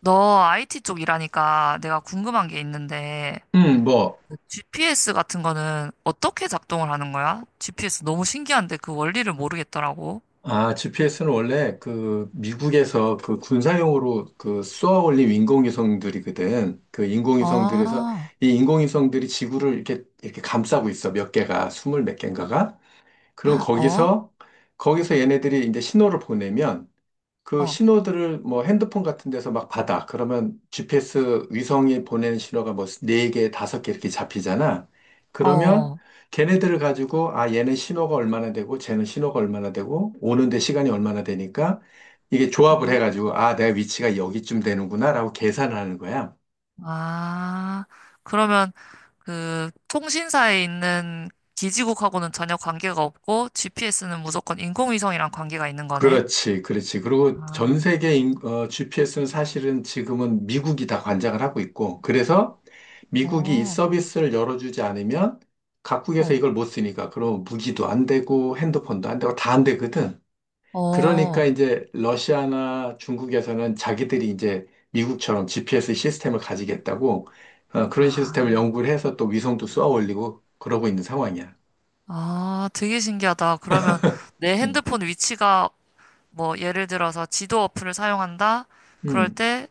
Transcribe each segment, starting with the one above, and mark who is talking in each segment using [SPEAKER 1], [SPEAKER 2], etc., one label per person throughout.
[SPEAKER 1] 너 IT 쪽 일하니까 내가 궁금한 게 있는데,
[SPEAKER 2] 음, 뭐,
[SPEAKER 1] GPS 같은 거는 어떻게 작동을 하는 거야? GPS 너무 신기한데 그 원리를 모르겠더라고.
[SPEAKER 2] GPS는 원래 그 미국에서 그 군사용으로 그 쏘아 올린 인공위성들이거든. 그 인공위성들에서
[SPEAKER 1] 아,
[SPEAKER 2] 이 인공위성들이 지구를 이렇게, 이렇게 감싸고 있어. 몇 개가, 스물 몇 개인가가. 그럼
[SPEAKER 1] 어?
[SPEAKER 2] 거기서 얘네들이 이제 신호를 보내면 그
[SPEAKER 1] 어,
[SPEAKER 2] 신호들을 뭐 핸드폰 같은 데서 막 받아. 그러면 GPS 위성이 보내는 신호가 뭐 네개 다섯 개 이렇게 잡히잖아. 그러면
[SPEAKER 1] 어,
[SPEAKER 2] 걔네들을 가지고 아, 얘는 신호가 얼마나 되고 쟤는 신호가 얼마나 되고 오는데 시간이 얼마나 되니까 이게 조합을
[SPEAKER 1] 응?
[SPEAKER 2] 해가지고 아, 내가 위치가 여기쯤 되는구나라고 계산하는 거야.
[SPEAKER 1] 아, 그러면 그 통신사에 있는 기지국하고는 전혀 관계가 없고, GPS는 무조건 인공위성이랑 관계가 있는 거네.
[SPEAKER 2] 그렇지, 그렇지. 그리고
[SPEAKER 1] 아,
[SPEAKER 2] 전 세계 GPS는 사실은 지금은 미국이 다 관장을 하고 있고, 그래서 미국이 이
[SPEAKER 1] 어,
[SPEAKER 2] 서비스를 열어주지 않으면 각국에서
[SPEAKER 1] 어,
[SPEAKER 2] 이걸 못 쓰니까, 그럼 무기도 안 되고, 핸드폰도 안 되고, 다 안 되거든. 그러니까
[SPEAKER 1] 어,
[SPEAKER 2] 이제 러시아나 중국에서는 자기들이 이제 미국처럼 GPS 시스템을 가지겠다고, 그런
[SPEAKER 1] 아,
[SPEAKER 2] 시스템을 연구를 해서 또 위성도 쏘아 올리고, 그러고 있는 상황이야.
[SPEAKER 1] 아, 되게 신기하다. 그러면 내
[SPEAKER 2] 음,
[SPEAKER 1] 핸드폰 위치가 뭐 예를 들어서 지도 어플을 사용한다? 그럴
[SPEAKER 2] 음,
[SPEAKER 1] 때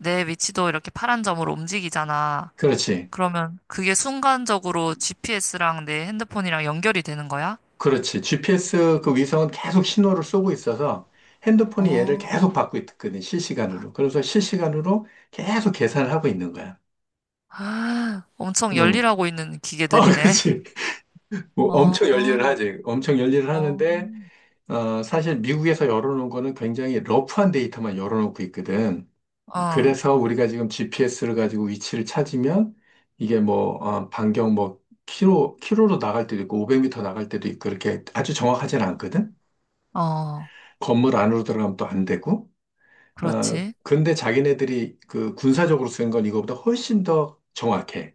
[SPEAKER 1] 내 위치도 이렇게 파란 점으로 움직이잖아.
[SPEAKER 2] 그렇지,
[SPEAKER 1] 그러면 그게 순간적으로 GPS랑 내 핸드폰이랑 연결이 되는 거야?
[SPEAKER 2] 그렇지. GPS 그 위성은 계속 신호를 쏘고 있어서 핸드폰이 얘를
[SPEAKER 1] 어,
[SPEAKER 2] 계속 받고 있거든, 실시간으로. 그래서 실시간으로 계속 계산을 하고 있는 거야.
[SPEAKER 1] 엄청
[SPEAKER 2] 응.
[SPEAKER 1] 열일하고 있는
[SPEAKER 2] 어,
[SPEAKER 1] 기계들이네.
[SPEAKER 2] 그렇지. 뭐 엄청
[SPEAKER 1] 어,
[SPEAKER 2] 열일을 하지. 엄청 열일을
[SPEAKER 1] 어,
[SPEAKER 2] 하는데, 사실 미국에서 열어놓은 거는 굉장히 러프한 데이터만 열어놓고 있거든.
[SPEAKER 1] 어,
[SPEAKER 2] 그래서 우리가 지금 GPS를 가지고 위치를 찾으면 이게 뭐, 반경 뭐, 키로, 키로로 나갈 때도 있고, 500m 나갈 때도 있고, 그렇게 아주 정확하진 않거든.
[SPEAKER 1] 어,
[SPEAKER 2] 건물 안으로 들어가면 또 안 되고. 어,
[SPEAKER 1] 그렇지.
[SPEAKER 2] 근데 자기네들이 그 군사적으로 쓴 건 이거보다 훨씬 더 정확해.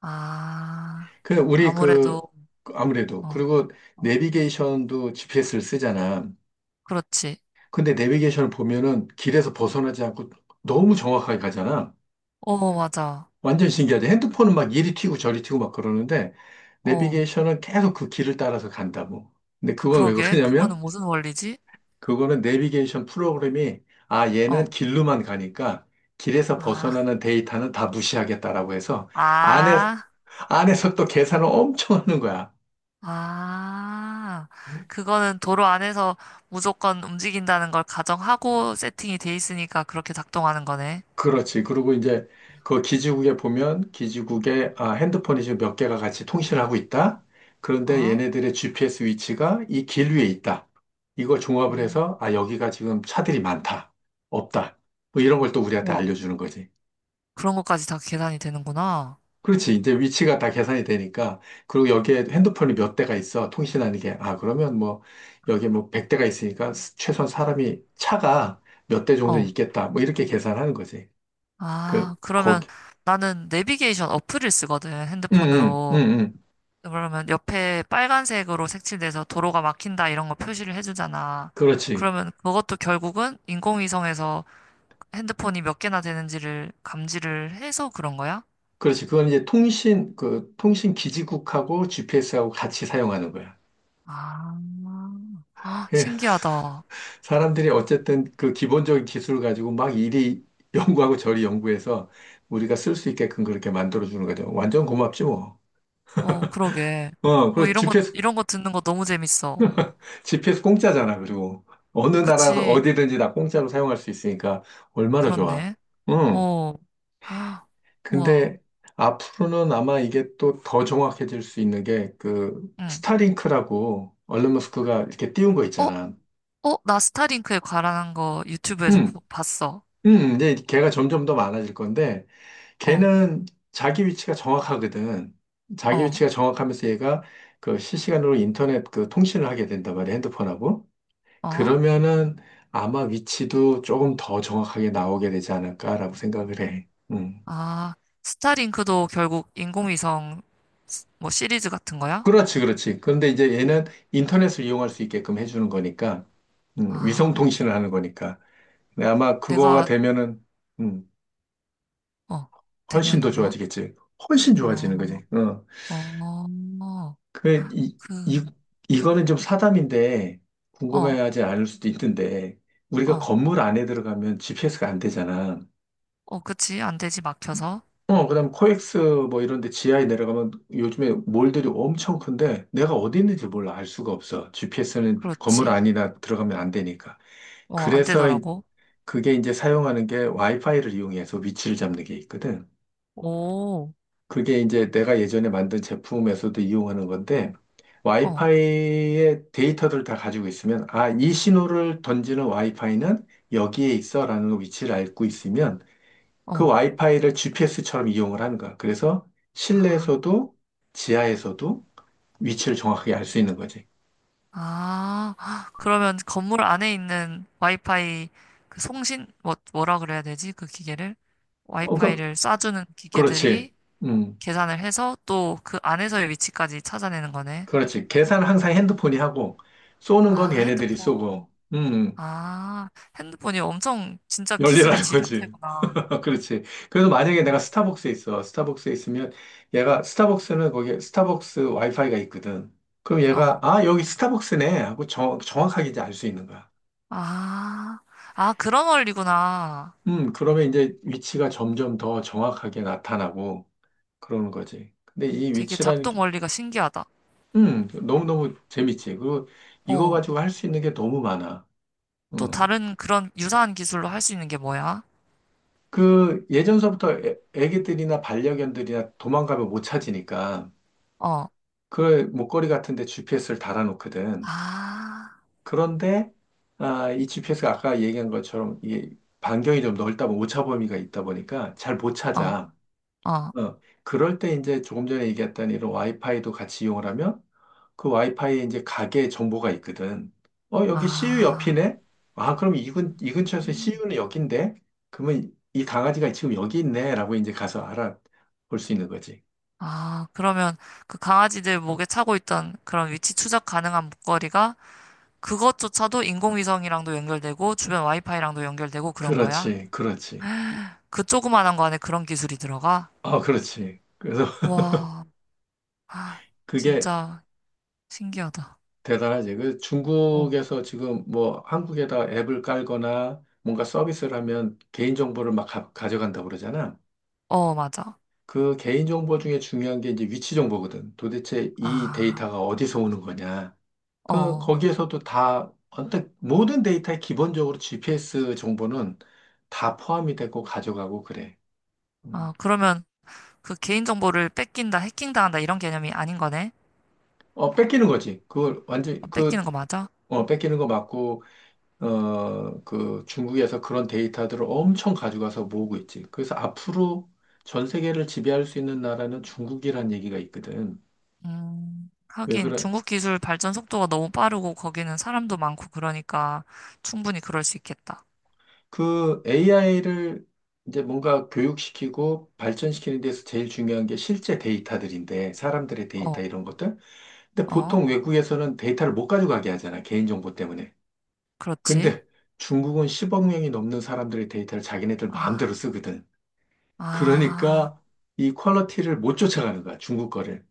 [SPEAKER 1] 아,
[SPEAKER 2] 그, 우리 그,
[SPEAKER 1] 아무래도,
[SPEAKER 2] 아무래도.
[SPEAKER 1] 어,
[SPEAKER 2] 그리고
[SPEAKER 1] 어,
[SPEAKER 2] 내비게이션도 GPS를 쓰잖아.
[SPEAKER 1] 그렇지.
[SPEAKER 2] 근데 내비게이션을 보면은 길에서 벗어나지 않고 너무 정확하게 가잖아.
[SPEAKER 1] 어, 맞아.
[SPEAKER 2] 완전 신기하지. 핸드폰은 막 이리 튀고 저리 튀고 막 그러는데,
[SPEAKER 1] 어.
[SPEAKER 2] 내비게이션은 계속 그 길을 따라서 간다고. 근데 그건 왜
[SPEAKER 1] 그러게, 그거는
[SPEAKER 2] 그러냐면,
[SPEAKER 1] 무슨 원리지?
[SPEAKER 2] 그거는 내비게이션 프로그램이 아 얘는
[SPEAKER 1] 어,
[SPEAKER 2] 길로만 가니까 길에서
[SPEAKER 1] 아,
[SPEAKER 2] 벗어나는 데이터는 다 무시하겠다라고 해서 안에
[SPEAKER 1] 아,
[SPEAKER 2] 안에서 또 계산을 엄청 하는 거야.
[SPEAKER 1] 아. 그거는 도로 안에서 무조건 움직인다는 걸 가정하고 세팅이 돼 있으니까 그렇게 작동하는 거네.
[SPEAKER 2] 그렇지. 그리고 이제 그 기지국에 보면 기지국에 아, 핸드폰이 지금 몇 개가 같이 통신을 하고 있다. 그런데
[SPEAKER 1] 어?
[SPEAKER 2] 얘네들의 GPS 위치가 이 길 위에 있다. 이걸 종합을
[SPEAKER 1] 음,
[SPEAKER 2] 해서 아 여기가 지금 차들이 많다. 없다. 뭐 이런 걸 또 우리한테
[SPEAKER 1] 우와.
[SPEAKER 2] 알려주는 거지.
[SPEAKER 1] 그런 것까지 다 계산이 되는구나.
[SPEAKER 2] 그렇지. 이제 위치가 다 계산이 되니까. 그리고 여기에 핸드폰이 몇 대가 있어. 통신하는 게. 아, 그러면 뭐, 여기에 뭐 100대가 있으니까 최소한 사람이 차가 몇 대 정도
[SPEAKER 1] 어,
[SPEAKER 2] 있겠다. 뭐 이렇게 계산하는 거지. 그,
[SPEAKER 1] 아, 그러면
[SPEAKER 2] 거기.
[SPEAKER 1] 나는 내비게이션 어플을 쓰거든,
[SPEAKER 2] 응, 응,
[SPEAKER 1] 핸드폰으로.
[SPEAKER 2] 응, 응.
[SPEAKER 1] 그러면 옆에 빨간색으로 색칠돼서 도로가 막힌다 이런 거 표시를 해주잖아.
[SPEAKER 2] 그렇지,
[SPEAKER 1] 그러면 그것도 결국은 인공위성에서 핸드폰이 몇 개나 되는지를 감지를 해서 그런 거야?
[SPEAKER 2] 그렇지. 그건 이제 통신, 그, 통신 기지국하고 GPS하고 같이 사용하는 거야.
[SPEAKER 1] 아, 아,
[SPEAKER 2] 예.
[SPEAKER 1] 신기하다.
[SPEAKER 2] 사람들이 어쨌든 그 기본적인 기술을 가지고 막 이리 연구하고 저리 연구해서 우리가 쓸 수 있게끔 그렇게 만들어주는 거죠. 완전 고맙지 뭐.
[SPEAKER 1] 어, 그러게. 어,
[SPEAKER 2] 그리고
[SPEAKER 1] 이런 거, 이런 거 듣는 거 너무 재밌어.
[SPEAKER 2] GPS 공짜잖아, 그리고. 어느 나라에서
[SPEAKER 1] 그치,
[SPEAKER 2] 어디든지 다 공짜로 사용할 수 있으니까 얼마나 좋아.
[SPEAKER 1] 그렇네.
[SPEAKER 2] 응.
[SPEAKER 1] 어, 아, 우와,
[SPEAKER 2] 근데 앞으로는 아마 이게 또 더 정확해질 수 있는 게 그
[SPEAKER 1] 응.
[SPEAKER 2] 스타링크라고 얼른 머스크가 이렇게 띄운 거
[SPEAKER 1] 어,
[SPEAKER 2] 있잖아.
[SPEAKER 1] 어, 나 스타링크에 관한 거 유튜브에서
[SPEAKER 2] 응.
[SPEAKER 1] 봤어.
[SPEAKER 2] 응. 이제 걔가 점점 더 많아질 건데
[SPEAKER 1] 어,
[SPEAKER 2] 걔는 자기 위치가 정확하거든. 자기
[SPEAKER 1] 어,
[SPEAKER 2] 위치가 정확하면서 얘가 그 실시간으로 인터넷 그 통신을 하게 된단 말이야, 핸드폰하고.
[SPEAKER 1] 어,
[SPEAKER 2] 그러면은 아마 위치도 조금 더 정확하게 나오게 되지 않을까라고 생각을 해. 음.
[SPEAKER 1] 아, 스타링크도 결국 인공위성 스- 뭐 시리즈 같은 거야?
[SPEAKER 2] 그렇지, 그렇지. 그런데 이제 얘는 인터넷을 이용할 수 있게끔 해주는 거니까, 위성
[SPEAKER 1] 아,
[SPEAKER 2] 통신을 하는 거니까. 근데 아마 그거가
[SPEAKER 1] 내가,
[SPEAKER 2] 되면은, 음,
[SPEAKER 1] 어,
[SPEAKER 2] 훨씬
[SPEAKER 1] 되면은
[SPEAKER 2] 더
[SPEAKER 1] 뭐?
[SPEAKER 2] 좋아지겠지. 훨씬 좋아지는
[SPEAKER 1] 어,
[SPEAKER 2] 거지. 어.
[SPEAKER 1] 어,
[SPEAKER 2] 그, 이,
[SPEAKER 1] 그,
[SPEAKER 2] 이, 이거는 좀 사담인데,
[SPEAKER 1] 어,
[SPEAKER 2] 궁금해하지 않을 수도 있는데, 우리가
[SPEAKER 1] 어,
[SPEAKER 2] 건물 안에 들어가면 GPS가 안 되잖아.
[SPEAKER 1] 어, 그치. 안 되지, 막혀서.
[SPEAKER 2] 어, 그다음 코엑스 뭐 이런 데 지하에 내려가면 요즘에 몰들이 엄청 큰데 내가 어디 있는지 몰라 알 수가 없어. GPS는 건물
[SPEAKER 1] 그렇지.
[SPEAKER 2] 안이나 들어가면 안 되니까.
[SPEAKER 1] 어, 안
[SPEAKER 2] 그래서
[SPEAKER 1] 되더라고.
[SPEAKER 2] 그게 이제 사용하는 게 와이파이를 이용해서 위치를 잡는 게 있거든.
[SPEAKER 1] 오,
[SPEAKER 2] 그게 이제 내가 예전에 만든 제품에서도 이용하는 건데
[SPEAKER 1] 어,
[SPEAKER 2] 와이파이의 데이터들을 다 가지고 있으면 아, 이 신호를 던지는 와이파이는 여기에 있어라는 위치를 알고 있으면 그
[SPEAKER 1] 어.
[SPEAKER 2] 와이파이를 GPS처럼 이용을 하는 거야. 그래서 실내에서도 지하에서도 위치를 정확하게 알 수 있는 거지.
[SPEAKER 1] 아, 아, 그러면 건물 안에 있는 와이파이, 그 송신, 뭐, 뭐라 그래야 되지? 그 기계를?
[SPEAKER 2] 어, 그,
[SPEAKER 1] 와이파이를 쏴주는
[SPEAKER 2] 그렇지.
[SPEAKER 1] 기계들이
[SPEAKER 2] 음,
[SPEAKER 1] 계산을 해서 또 그 안에서의 위치까지 찾아내는 거네.
[SPEAKER 2] 그렇지. 계산은 항상 핸드폰이 하고, 쏘는 건
[SPEAKER 1] 아,
[SPEAKER 2] 걔네들이
[SPEAKER 1] 핸드폰.
[SPEAKER 2] 쏘고,
[SPEAKER 1] 아, 핸드폰이 엄청 진짜 기술의
[SPEAKER 2] 열리라는 거지.
[SPEAKER 1] 집약체구나.
[SPEAKER 2] 그렇지. 그래서 만약에 내가
[SPEAKER 1] 어,
[SPEAKER 2] 스타벅스에 있어. 스타벅스에 있으면 얘가, 스타벅스는 거기에 스타벅스 와이파이가 있거든. 그럼 얘가,
[SPEAKER 1] 어.
[SPEAKER 2] 아, 여기 스타벅스네. 하고 정확하게 이제 알 수 있는 거야.
[SPEAKER 1] 아, 아, 그런 원리구나.
[SPEAKER 2] 그러면 이제 위치가 점점 더 정확하게 나타나고 그러는 거지. 근데 이
[SPEAKER 1] 되게
[SPEAKER 2] 위치라는
[SPEAKER 1] 작동
[SPEAKER 2] 게,
[SPEAKER 1] 원리가 신기하다.
[SPEAKER 2] 너무너무 재밌지. 그리고 이거
[SPEAKER 1] 어,
[SPEAKER 2] 가지고 할 수 있는 게 너무 많아.
[SPEAKER 1] 또
[SPEAKER 2] 음,
[SPEAKER 1] 다른 그런 유사한 기술로 할 수 있는 게 뭐야?
[SPEAKER 2] 그 예전서부터 애기들이나 반려견들이나 도망가면 못 찾으니까
[SPEAKER 1] 어,
[SPEAKER 2] 그 목걸이 같은 데 GPS를 달아놓거든.
[SPEAKER 1] 아,
[SPEAKER 2] 그런데, 아, 이 GPS가 아까 얘기한 것처럼 이게 반경이 좀 넓다 보면 오차 범위가 있다 보니까 잘 못
[SPEAKER 1] 어,
[SPEAKER 2] 찾아.
[SPEAKER 1] 어,
[SPEAKER 2] 어, 그럴 때 이제 조금 전에 얘기했던 이런 와이파이도 같이 이용을 하면 그 와이파이에 이제 가게 정보가 있거든. 어, 여기 CU
[SPEAKER 1] 아,
[SPEAKER 2] 옆이네? 아, 그럼 이 근처에서 CU는 여긴데? 그러면 이 강아지가 지금 여기 있네? 라고 이제 가서 알아볼 수 있는 거지.
[SPEAKER 1] 아, 그러면 그 강아지들 목에 차고 있던 그런 위치 추적 가능한 목걸이가 그것조차도 인공위성이랑도 연결되고 주변 와이파이랑도 연결되고 그런 거야?
[SPEAKER 2] 그렇지, 그렇지.
[SPEAKER 1] 그 조그만한 거 안에 그런 기술이 들어가?
[SPEAKER 2] 아, 그렇지. 그래서
[SPEAKER 1] 와, 아,
[SPEAKER 2] 그게
[SPEAKER 1] 진짜 신기하다.
[SPEAKER 2] 대단하지. 그
[SPEAKER 1] 어,
[SPEAKER 2] 중국에서 지금 뭐 한국에다 앱을 깔거나 뭔가 서비스를 하면 개인정보를 막 져간다고 그러잖아.
[SPEAKER 1] 어, 맞아.
[SPEAKER 2] 그 개인정보 중에 중요한 게 이제 위치 정보거든. 도대체 이
[SPEAKER 1] 아.
[SPEAKER 2] 데이터가 어디서 오는 거냐.
[SPEAKER 1] 어.
[SPEAKER 2] 거기에서도 모든 데이터에 기본적으로 GPS 정보는 다 포함이 되고 가져가고 그래.
[SPEAKER 1] 아,
[SPEAKER 2] 음.
[SPEAKER 1] 그러면 그 개인정보를 뺏긴다, 해킹당한다 이런 개념이 아닌 거네?
[SPEAKER 2] 어, 뺏기는 거지.
[SPEAKER 1] 아, 뺏기는 거 맞아?
[SPEAKER 2] 어, 뺏기는 거 맞고, 어, 그 중국에서 그런 데이터들을 엄청 가져가서 모으고 있지. 그래서 앞으로 전 세계를 지배할 수 있는 나라는 중국이란 얘기가 있거든. 왜 그
[SPEAKER 1] 하긴
[SPEAKER 2] 래
[SPEAKER 1] 중국 기술 발전 속도가 너무 빠르고 거기는 사람도 많고 그러니까 충분히 그럴 수 있겠다.
[SPEAKER 2] 그 AI를 이제 뭔가 교육시키고 발전시키는 데서 제일 중요한 게 실제 데이터들인데, 사람들의 데이터
[SPEAKER 1] 어,
[SPEAKER 2] 이런 것들. 근데
[SPEAKER 1] 어,
[SPEAKER 2] 보통 외국에서는 데이터를 못 가져가게 하잖아, 개인정보 때문에.
[SPEAKER 1] 그렇지.
[SPEAKER 2] 근데 중국은 10억 명이 넘는 사람들의 데이터를 자기네들 마음대로
[SPEAKER 1] 아,
[SPEAKER 2] 쓰거든.
[SPEAKER 1] 아,
[SPEAKER 2] 그러니까 이 퀄리티를 못 쫓아가는 거야, 중국 거를.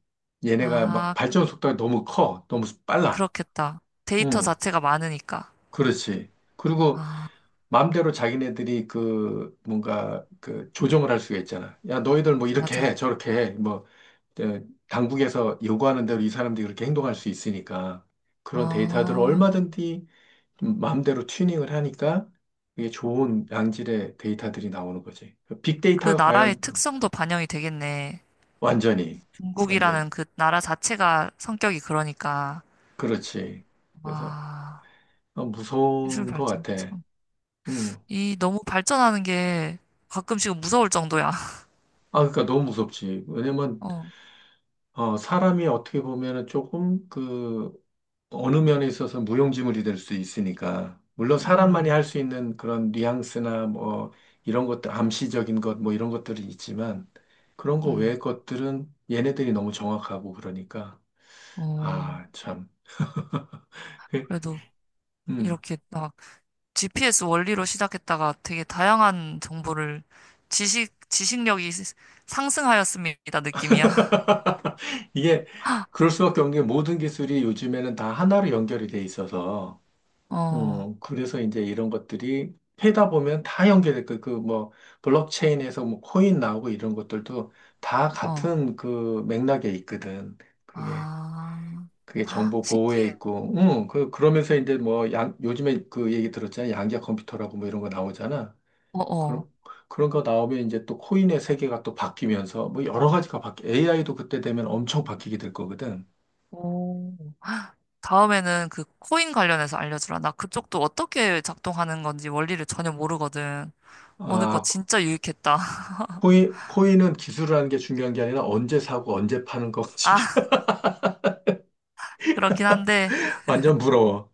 [SPEAKER 2] 얘네가 막
[SPEAKER 1] 아,
[SPEAKER 2] 발전 속도가 너무 커, 너무 빨라.
[SPEAKER 1] 그렇겠다. 데이터
[SPEAKER 2] 응,
[SPEAKER 1] 자체가 많으니까.
[SPEAKER 2] 그렇지. 그리고
[SPEAKER 1] 아,
[SPEAKER 2] 마음대로 자기네들이 그 뭔가 그 조정을 할 수가 있잖아. 야, 너희들 뭐 이렇게 해,
[SPEAKER 1] 맞아.
[SPEAKER 2] 저렇게 해. 뭐 어, 당국에서 요구하는 대로 이 사람들이 그렇게 행동할 수 있으니까 그런 데이터들을
[SPEAKER 1] 어,
[SPEAKER 2] 얼마든지 좀 마음대로 튜닝을 하니까 이게 좋은 양질의 데이터들이 나오는 거지. 그
[SPEAKER 1] 그
[SPEAKER 2] 빅데이터가 과연
[SPEAKER 1] 나라의 특성도 반영이 되겠네.
[SPEAKER 2] 완전히 완전히
[SPEAKER 1] 중국이라는 그 나라 자체가 성격이 그러니까.
[SPEAKER 2] 그렇지. 그래서
[SPEAKER 1] 와.
[SPEAKER 2] 어,
[SPEAKER 1] 기술
[SPEAKER 2] 무서운 것
[SPEAKER 1] 발전
[SPEAKER 2] 같아.
[SPEAKER 1] 참.
[SPEAKER 2] 음.
[SPEAKER 1] 이 너무 발전하는 게 가끔씩은 무서울 정도야.
[SPEAKER 2] 아, 그러니까 너무 무섭지. 왜냐면
[SPEAKER 1] 어.
[SPEAKER 2] 어, 사람이 어떻게 보면은 조금 그 어느 면에 있어서 무용지물이 될 수 있으니까. 물론 사람만이
[SPEAKER 1] 음.
[SPEAKER 2] 할 수 있는 그런 뉘앙스나 뭐 이런 것들, 암시적인 것 뭐 이런 것들이 있지만 그런 거
[SPEAKER 1] 음.
[SPEAKER 2] 외의 것들은 얘네들이 너무 정확하고 그러니까
[SPEAKER 1] 어.
[SPEAKER 2] 아, 참. 그,
[SPEAKER 1] 그래도
[SPEAKER 2] 음.
[SPEAKER 1] 이렇게 막 GPS 원리로 시작했다가 되게 다양한 정보를 지식 지식력이 상승하였습니다 느낌이야.
[SPEAKER 2] 이게 그럴 수밖에 없는 게 모든 기술이 요즘에는 다 하나로 연결이 돼 있어서
[SPEAKER 1] 어.
[SPEAKER 2] 그래서 이제 이런 것들이 해다 보면 다 연결될 거, 그 뭐, 블록체인에서 뭐, 코인 나오고 이런 것들도 다
[SPEAKER 1] 어.
[SPEAKER 2] 같은 그 맥락에 있거든.
[SPEAKER 1] 아.
[SPEAKER 2] 그게, 그게
[SPEAKER 1] 아,
[SPEAKER 2] 정보 보호에
[SPEAKER 1] 신기해.
[SPEAKER 2] 있고, 그러면서 이제 뭐, 요즘에 그 얘기 들었잖아. 양자 컴퓨터라고 뭐 이런 거 나오잖아.
[SPEAKER 1] 어, 어.
[SPEAKER 2] 그런, 그런 거 나오면 이제 또 코인의 세계가 또 바뀌면서 AI도 그때 되면 엄청 바뀌게 될 거거든.
[SPEAKER 1] 오. 다음에는 그 코인 관련해서 알려주라. 나 그쪽도 어떻게 작동하는 건지 원리를 전혀 모르거든. 오늘 거
[SPEAKER 2] 아,
[SPEAKER 1] 진짜 유익했다.
[SPEAKER 2] 코인은 기술을 하는 게 중요한 게 아니라 언제 사고 언제 파는 거
[SPEAKER 1] 아, 그렇긴 한데,
[SPEAKER 2] 완전 부러워.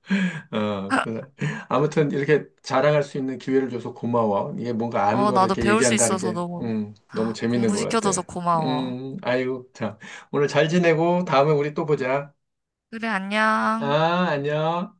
[SPEAKER 2] 어, 그래서 아무튼 이렇게 자랑할 수 있는 기회를 줘서 고마워. 이게 뭔가 아는
[SPEAKER 1] 어,
[SPEAKER 2] 거를
[SPEAKER 1] 나도
[SPEAKER 2] 이렇게
[SPEAKER 1] 배울 수
[SPEAKER 2] 얘기한다는
[SPEAKER 1] 있어서
[SPEAKER 2] 게,
[SPEAKER 1] 너무
[SPEAKER 2] 너무 재밌는 것
[SPEAKER 1] 공부시켜줘서
[SPEAKER 2] 같아.
[SPEAKER 1] 고마워.
[SPEAKER 2] 아이고, 참. 오늘 잘 지내고 다음에 우리 또 보자.
[SPEAKER 1] 그래, 안녕.
[SPEAKER 2] 아, 안녕.